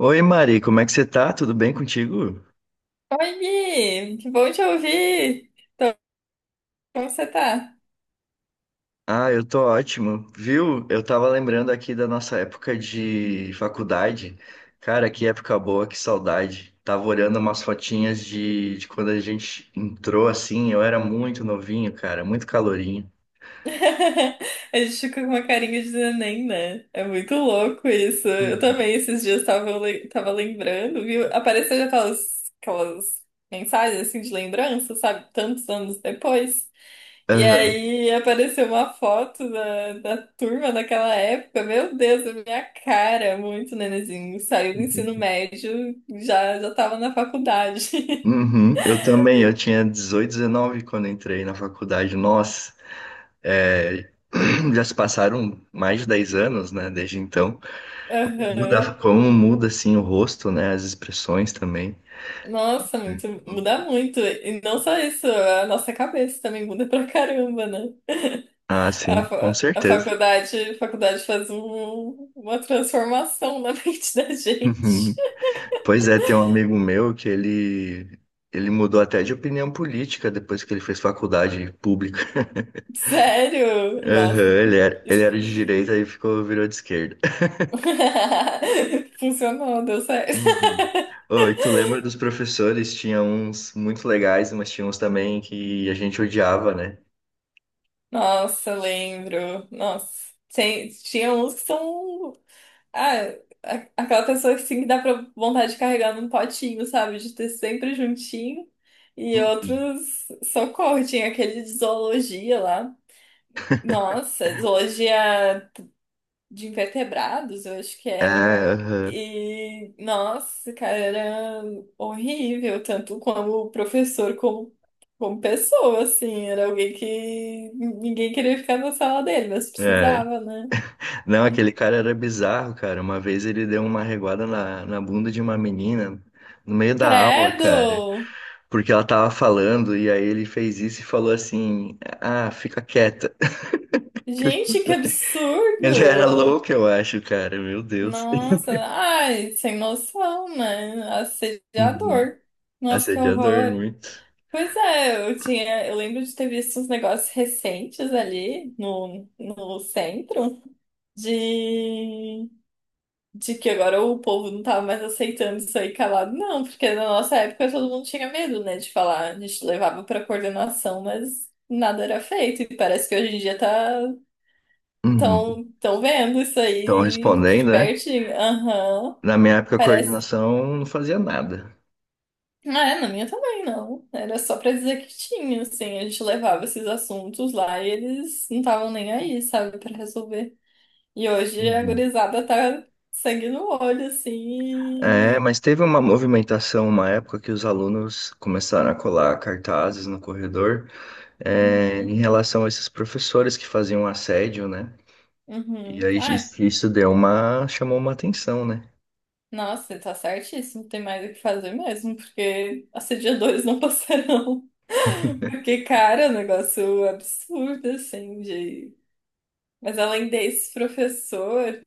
Oi, Mari, como é que você tá? Tudo bem contigo? Oi, Gui! Que bom te ouvir! Então, como você tá? Ah, eu tô ótimo. Viu? Eu tava lembrando aqui da nossa época de faculdade. Cara, que época boa, que saudade. Tava olhando umas fotinhas de quando a gente entrou assim. Eu era muito novinho, cara, muito calorinho. A gente fica com uma carinha de neném, né? É muito louco isso. Eu Uhum. também esses dias tava lembrando, viu? Apareceu já aquelas mensagens assim de lembrança, sabe? Tantos anos depois. E Aham. aí apareceu uma foto da turma daquela época. Meu Deus, a minha cara, muito nenenzinho. Saiu do ensino médio, já tava na faculdade. Uhum. Eu também, eu tinha 18, 19 quando entrei na faculdade. Nossa, é, já se passaram mais de 10 anos, né, desde então. Aham. Como muda assim o rosto, né? As expressões também. Nossa, muda muito. E não só isso, a nossa cabeça também muda pra caramba, né? Ah, A, sim, com fa- a certeza. faculdade, a faculdade faz uma transformação na mente da gente. Uhum. Pois é, tem um amigo meu que ele mudou até de opinião política depois que ele fez faculdade pública. Sério? Aham, Nossa. ele era, ele isso- era de direita e ficou virou de esquerda. Funcionou, deu certo. Uhum. Oh, e tu lembra dos professores? Tinha uns muito legais, mas tinha uns também que a gente odiava, né? Nossa, lembro. Nossa, tinha uns que são. Ah, aquela pessoa que sim que dá pra vontade de carregar num potinho, sabe? De ter sempre juntinho. E Uhum. outros, socorro, tinha aquele de zoologia lá. Nossa, zoologia de invertebrados, eu acho que É, era. aham. E, nossa, cara, era horrível, tanto como professor, como pessoa, assim. Era alguém que ninguém queria ficar na sala dele, mas É. precisava, né? Não, aquele cara era bizarro, cara. Uma vez ele deu uma reguada na bunda de uma menina no meio da aula, cara, Credo! porque ela tava falando e aí ele fez isso e falou assim: Ah, fica quieta. Gente, que Ele era absurdo! louco, eu acho, cara. Meu Deus. Nossa, ai, sem noção, né? Uhum. Assediador. Nossa, que Assediador, horror. muito. Pois é, eu lembro de ter visto uns negócios recentes ali no centro, de, de que agora o povo não tava mais aceitando isso aí calado, não, porque na nossa época todo mundo tinha medo, né, de falar, a gente levava pra coordenação, mas nada era feito, e parece que hoje em dia tá Uhum. tão vendo isso Então, aí respondendo, de né? pertinho, aham, Na minha época, a parece. coordenação não fazia nada. Ah, é, na minha também, não. Era só pra dizer que tinha, assim, a gente levava esses assuntos lá e eles não estavam nem aí, sabe, pra resolver. E hoje a Uhum. gurizada tá sangue no olho, É, assim. mas teve uma movimentação, uma época que os alunos começaram a colar cartazes no corredor. É, em Uhum, relação a esses professores que faziam assédio, né? E uhum. aí Ai, isso chamou uma atenção, né? nossa, você tá certíssimo. Tem mais o que fazer mesmo, porque assediadores não passarão. Porque, cara, é um negócio absurdo, assim, de... Mas além desse professor,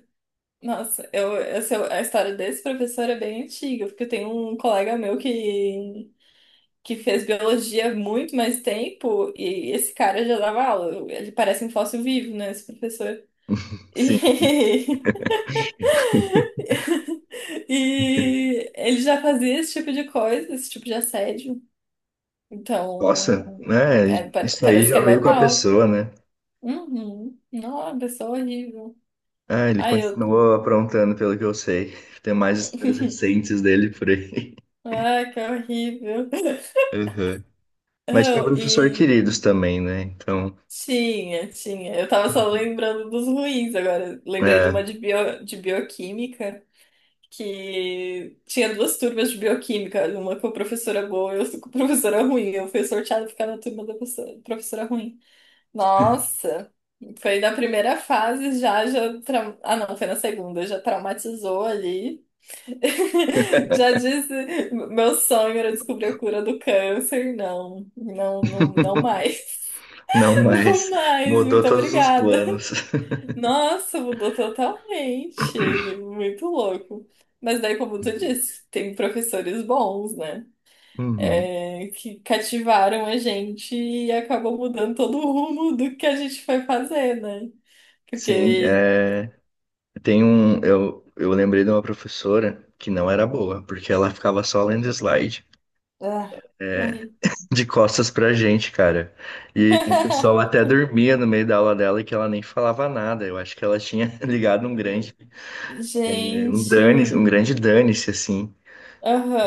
nossa, é a história desse professor é bem antiga, porque eu tenho um colega meu que fez biologia há muito mais tempo e esse cara já dava aula. Ele parece um fóssil vivo, né, esse professor. Sim. E E ele já fazia esse tipo de coisa, esse tipo de assédio. Então, Nossa, né? é, pa- Isso aí parece que já é veio com a normal. pessoa, né? Uhum. Não, pessoa horrível. Ah, ele Ai, eu. continuou aprontando, pelo que eu sei. Tem mais histórias recentes dele por aí. Ai, que horrível. Aham. Mas tinha Não, professor e queridos também, né? Então, tinha, tinha. Eu tava só lembrando dos ruins agora. Lembrei de é, uma de bioquímica, que tinha duas turmas de bioquímica, uma com a professora boa e outra com a professora ruim. Eu fui sorteada pra ficar na turma da professora ruim. Nossa, foi na primeira fase já, ah não, foi na segunda, já traumatizou ali. Já disse, meu sonho era descobrir a cura do câncer. Não, não, não, não mais. não Não mais. mais, Mudou muito todos os obrigada. planos. Nossa, mudou totalmente. Muito louco. Mas daí, como tu disse, tem professores bons, né? Uhum. É, que cativaram a gente e acabou mudando todo o rumo do que a gente foi fazer, né? Sim, Porque. é. Eu lembrei de uma professora que não era boa, porque ela ficava só lendo slide Ah, que horrível. de costas pra gente, cara. E o pessoal até dormia no meio da aula dela e que ela nem falava nada. Eu acho que ela tinha ligado um grande, eh, um dane, um Gente. grande dane-se, assim.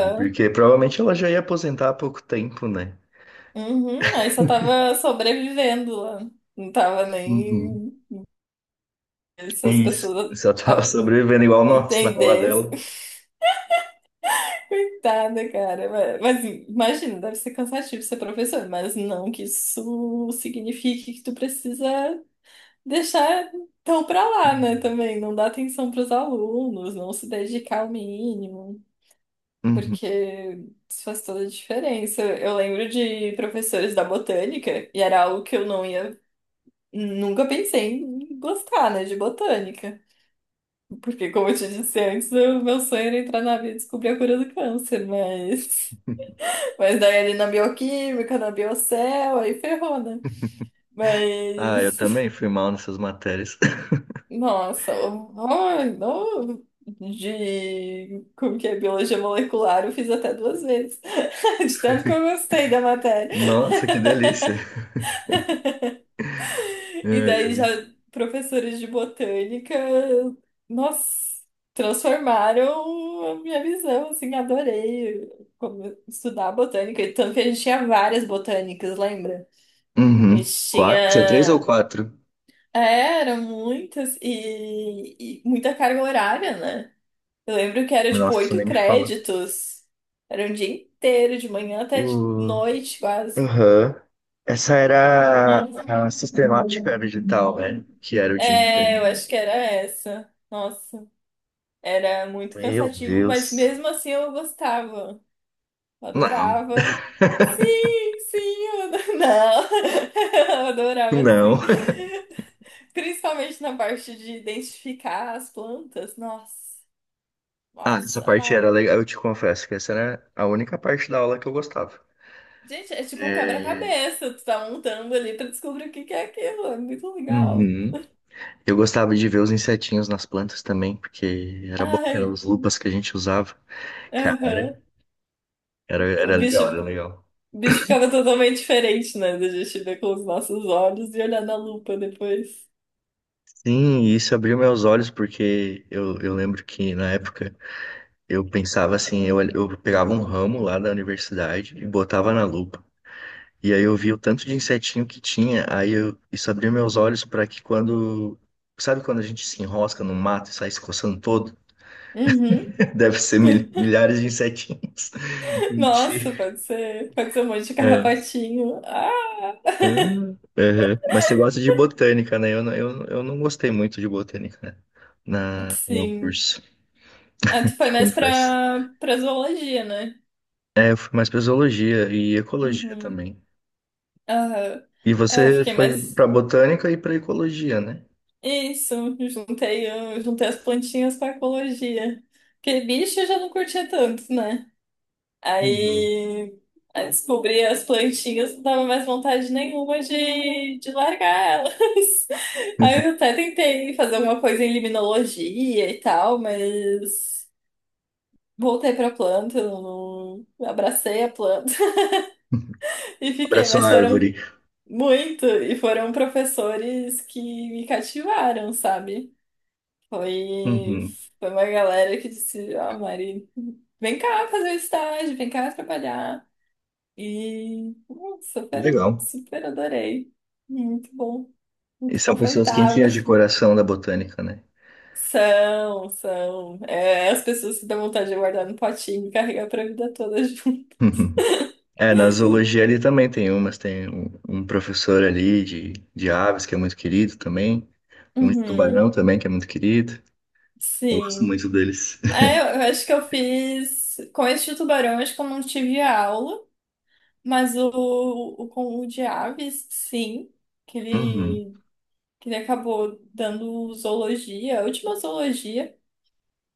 E porque provavelmente ela já ia aposentar há pouco tempo, né? Uhum. Aí só tava sobrevivendo lá. Não tava Uhum. nem. Se É as isso. pessoas Só tava ah, sobrevivendo igual nós na aula entendessem. dela. Coitada, cara. Mas imagina, deve ser cansativo ser professor, mas não que isso signifique que tu precisa deixar tão pra lá, né? Uhum. Também não dar atenção pros alunos, não se dedicar ao mínimo. Uhum. Porque isso faz toda a diferença. Eu lembro de professores da botânica, e era algo que eu não ia, nunca pensei em gostar, né, de botânica. Porque, como eu te disse antes, o meu sonho era entrar na vida e descobrir a cura do câncer, mas. Mas daí ali na bioquímica, na biocel, aí ferrou, né? Ah, eu Mas. também fui mal nessas matérias. Nossa, horror, não. De como que é biologia molecular, eu fiz até duas vezes. De tanto que eu gostei da matéria. Nossa, que delícia. É, E daí já é. professores de botânica, nossa, transformaram a minha visão, assim, adorei como estudar botânica, e tanto que a gente tinha várias botânicas, lembra? A Uhum. gente Quatro? Tinha três ou tinha, quatro? é, eram muitas e, muita carga horária, né? Eu lembro que era tipo Nossa, oito nem me fala. créditos, era um dia inteiro, de manhã até de O noite quase. Uhum. Essa era Nossa. a sistemática digital, né? Que era o dia É, eu inteiro. acho que era essa. Nossa. Era muito Meu cansativo, mas Deus. mesmo assim eu gostava. Eu Não, adorava. Sim, sim, eu adorava. Não, eu adorava não. sim. Principalmente na parte de identificar as plantas. Nossa, Ah, essa nossa, parte amava. era legal. Eu te confesso que essa era a única parte da aula que eu gostava. Gente, é tipo um É. quebra-cabeça. Tu tá montando ali pra descobrir o que que é aquilo. É muito legal. Uhum. Eu gostava de ver os insetinhos nas plantas também, porque era bom, que eram Ai, as lupas que a gente usava. aham. Cara, era, O era bicho, legal, era legal. o bicho ficava totalmente diferente, né? Da gente ver com os nossos olhos e olhar na lupa depois. Sim, e isso abriu meus olhos porque eu lembro que na época eu pensava assim, eu pegava um ramo lá da universidade e botava na lupa. E aí eu vi o tanto de insetinho que tinha, isso abriu meus olhos para que quando, sabe quando a gente se enrosca no mato e sai se coçando todo? Uhum. Deve ser milhares de insetinhos. Mentira. Nossa, pode ser um monte de É. carrapatinho. Ah! Ah, aham. Mas você gosta de botânica, né? Eu não gostei muito de botânica né? No meu Sim. curso, Ah, tu foi te mais confesso. pra zoologia, né? É, eu fui mais para zoologia e ecologia Uhum. também. Aham. E É, eu você fiquei foi mais. para botânica e para ecologia, né? Isso, eu juntei as plantinhas com a ecologia. Porque bicho eu já não curtia tanto, né? Uhum. Aí, aí descobri as plantinhas, não dava mais vontade nenhuma de largar elas. Aí eu até tentei fazer alguma coisa em limnologia e tal, mas voltei pra planta, não, abracei a planta e fiquei, Abraço mas à foram árvore. muito, e foram professores que me cativaram, sabe? Foi, Uhum. foi uma galera que disse, ah, Mari, vem cá fazer o estágio, vem cá trabalhar. E Que super, legal. super adorei. Muito bom, E muito são pessoas confortável. quentinhas de coração da botânica, né? São, são. É, as pessoas que dão vontade de guardar no potinho e carregar pra vida toda junto. Uhum. É, na zoologia ali também tem um professor ali de aves que é muito querido também, um de tubarão Uhum, também que é muito querido. Eu gosto sim. muito deles. É, eu acho que eu fiz. Com esse de tubarão, acho que eu não tive aula, mas o com o de aves, sim. Que Uhum. ele, que ele acabou dando zoologia, a última zoologia.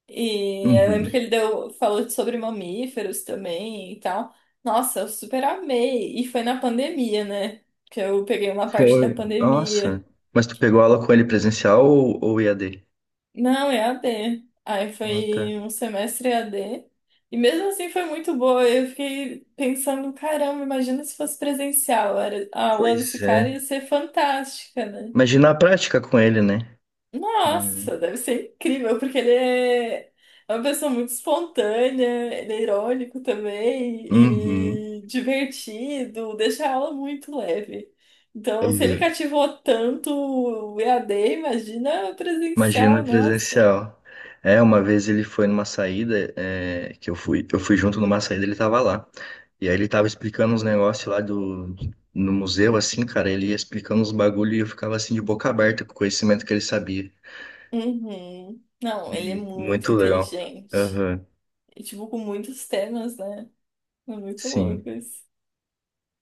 E eu Uhum. lembro que ele deu, falou sobre mamíferos também e tal. Nossa, eu super amei. E foi na pandemia, né? Que eu peguei uma parte da Foi, nossa. pandemia. Mas tu pegou aula com ele presencial ou EAD? Não, EAD. Aí Ah, tá. foi um semestre EAD. E mesmo assim foi muito boa. Eu fiquei pensando, caramba, imagina se fosse presencial. Era, a aula desse Pois cara ia é. ser fantástica, né? Imagina a prática com ele, né? Uhum. Nossa, deve ser incrível, porque ele é uma pessoa muito espontânea, ele é irônico Uhum. também e divertido, deixa a aula muito leve. Então, se ele Uhum. cativou tanto o EAD, imagina presencial, Imagina nossa. presencial. É, uma vez ele foi numa saída, é, que eu fui, junto numa saída, ele tava lá. E aí ele tava explicando uns negócios lá no museu, assim, cara, ele ia explicando uns bagulho e eu ficava assim de boca aberta com o conhecimento que ele sabia. Uhum. Não, ele é muito Muito legal. inteligente. Aham, E, tipo, com muitos temas, né? É muito sim. louco isso.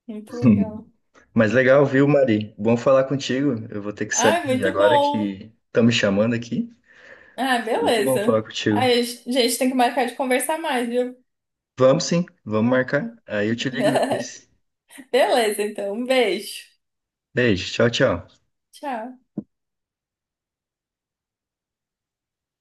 Muito legal. Mas legal, viu, Mari? Bom falar contigo. Eu vou ter que Ah, sair muito agora bom. que estão me chamando aqui. Ah, Foi muito bom falar beleza. contigo. Aí, gente, tem que marcar de conversar mais, viu? Vamos sim, vamos marcar. Aí eu te ligo depois. Beleza, então. Um beijo. Beijo, tchau, tchau. Tchau.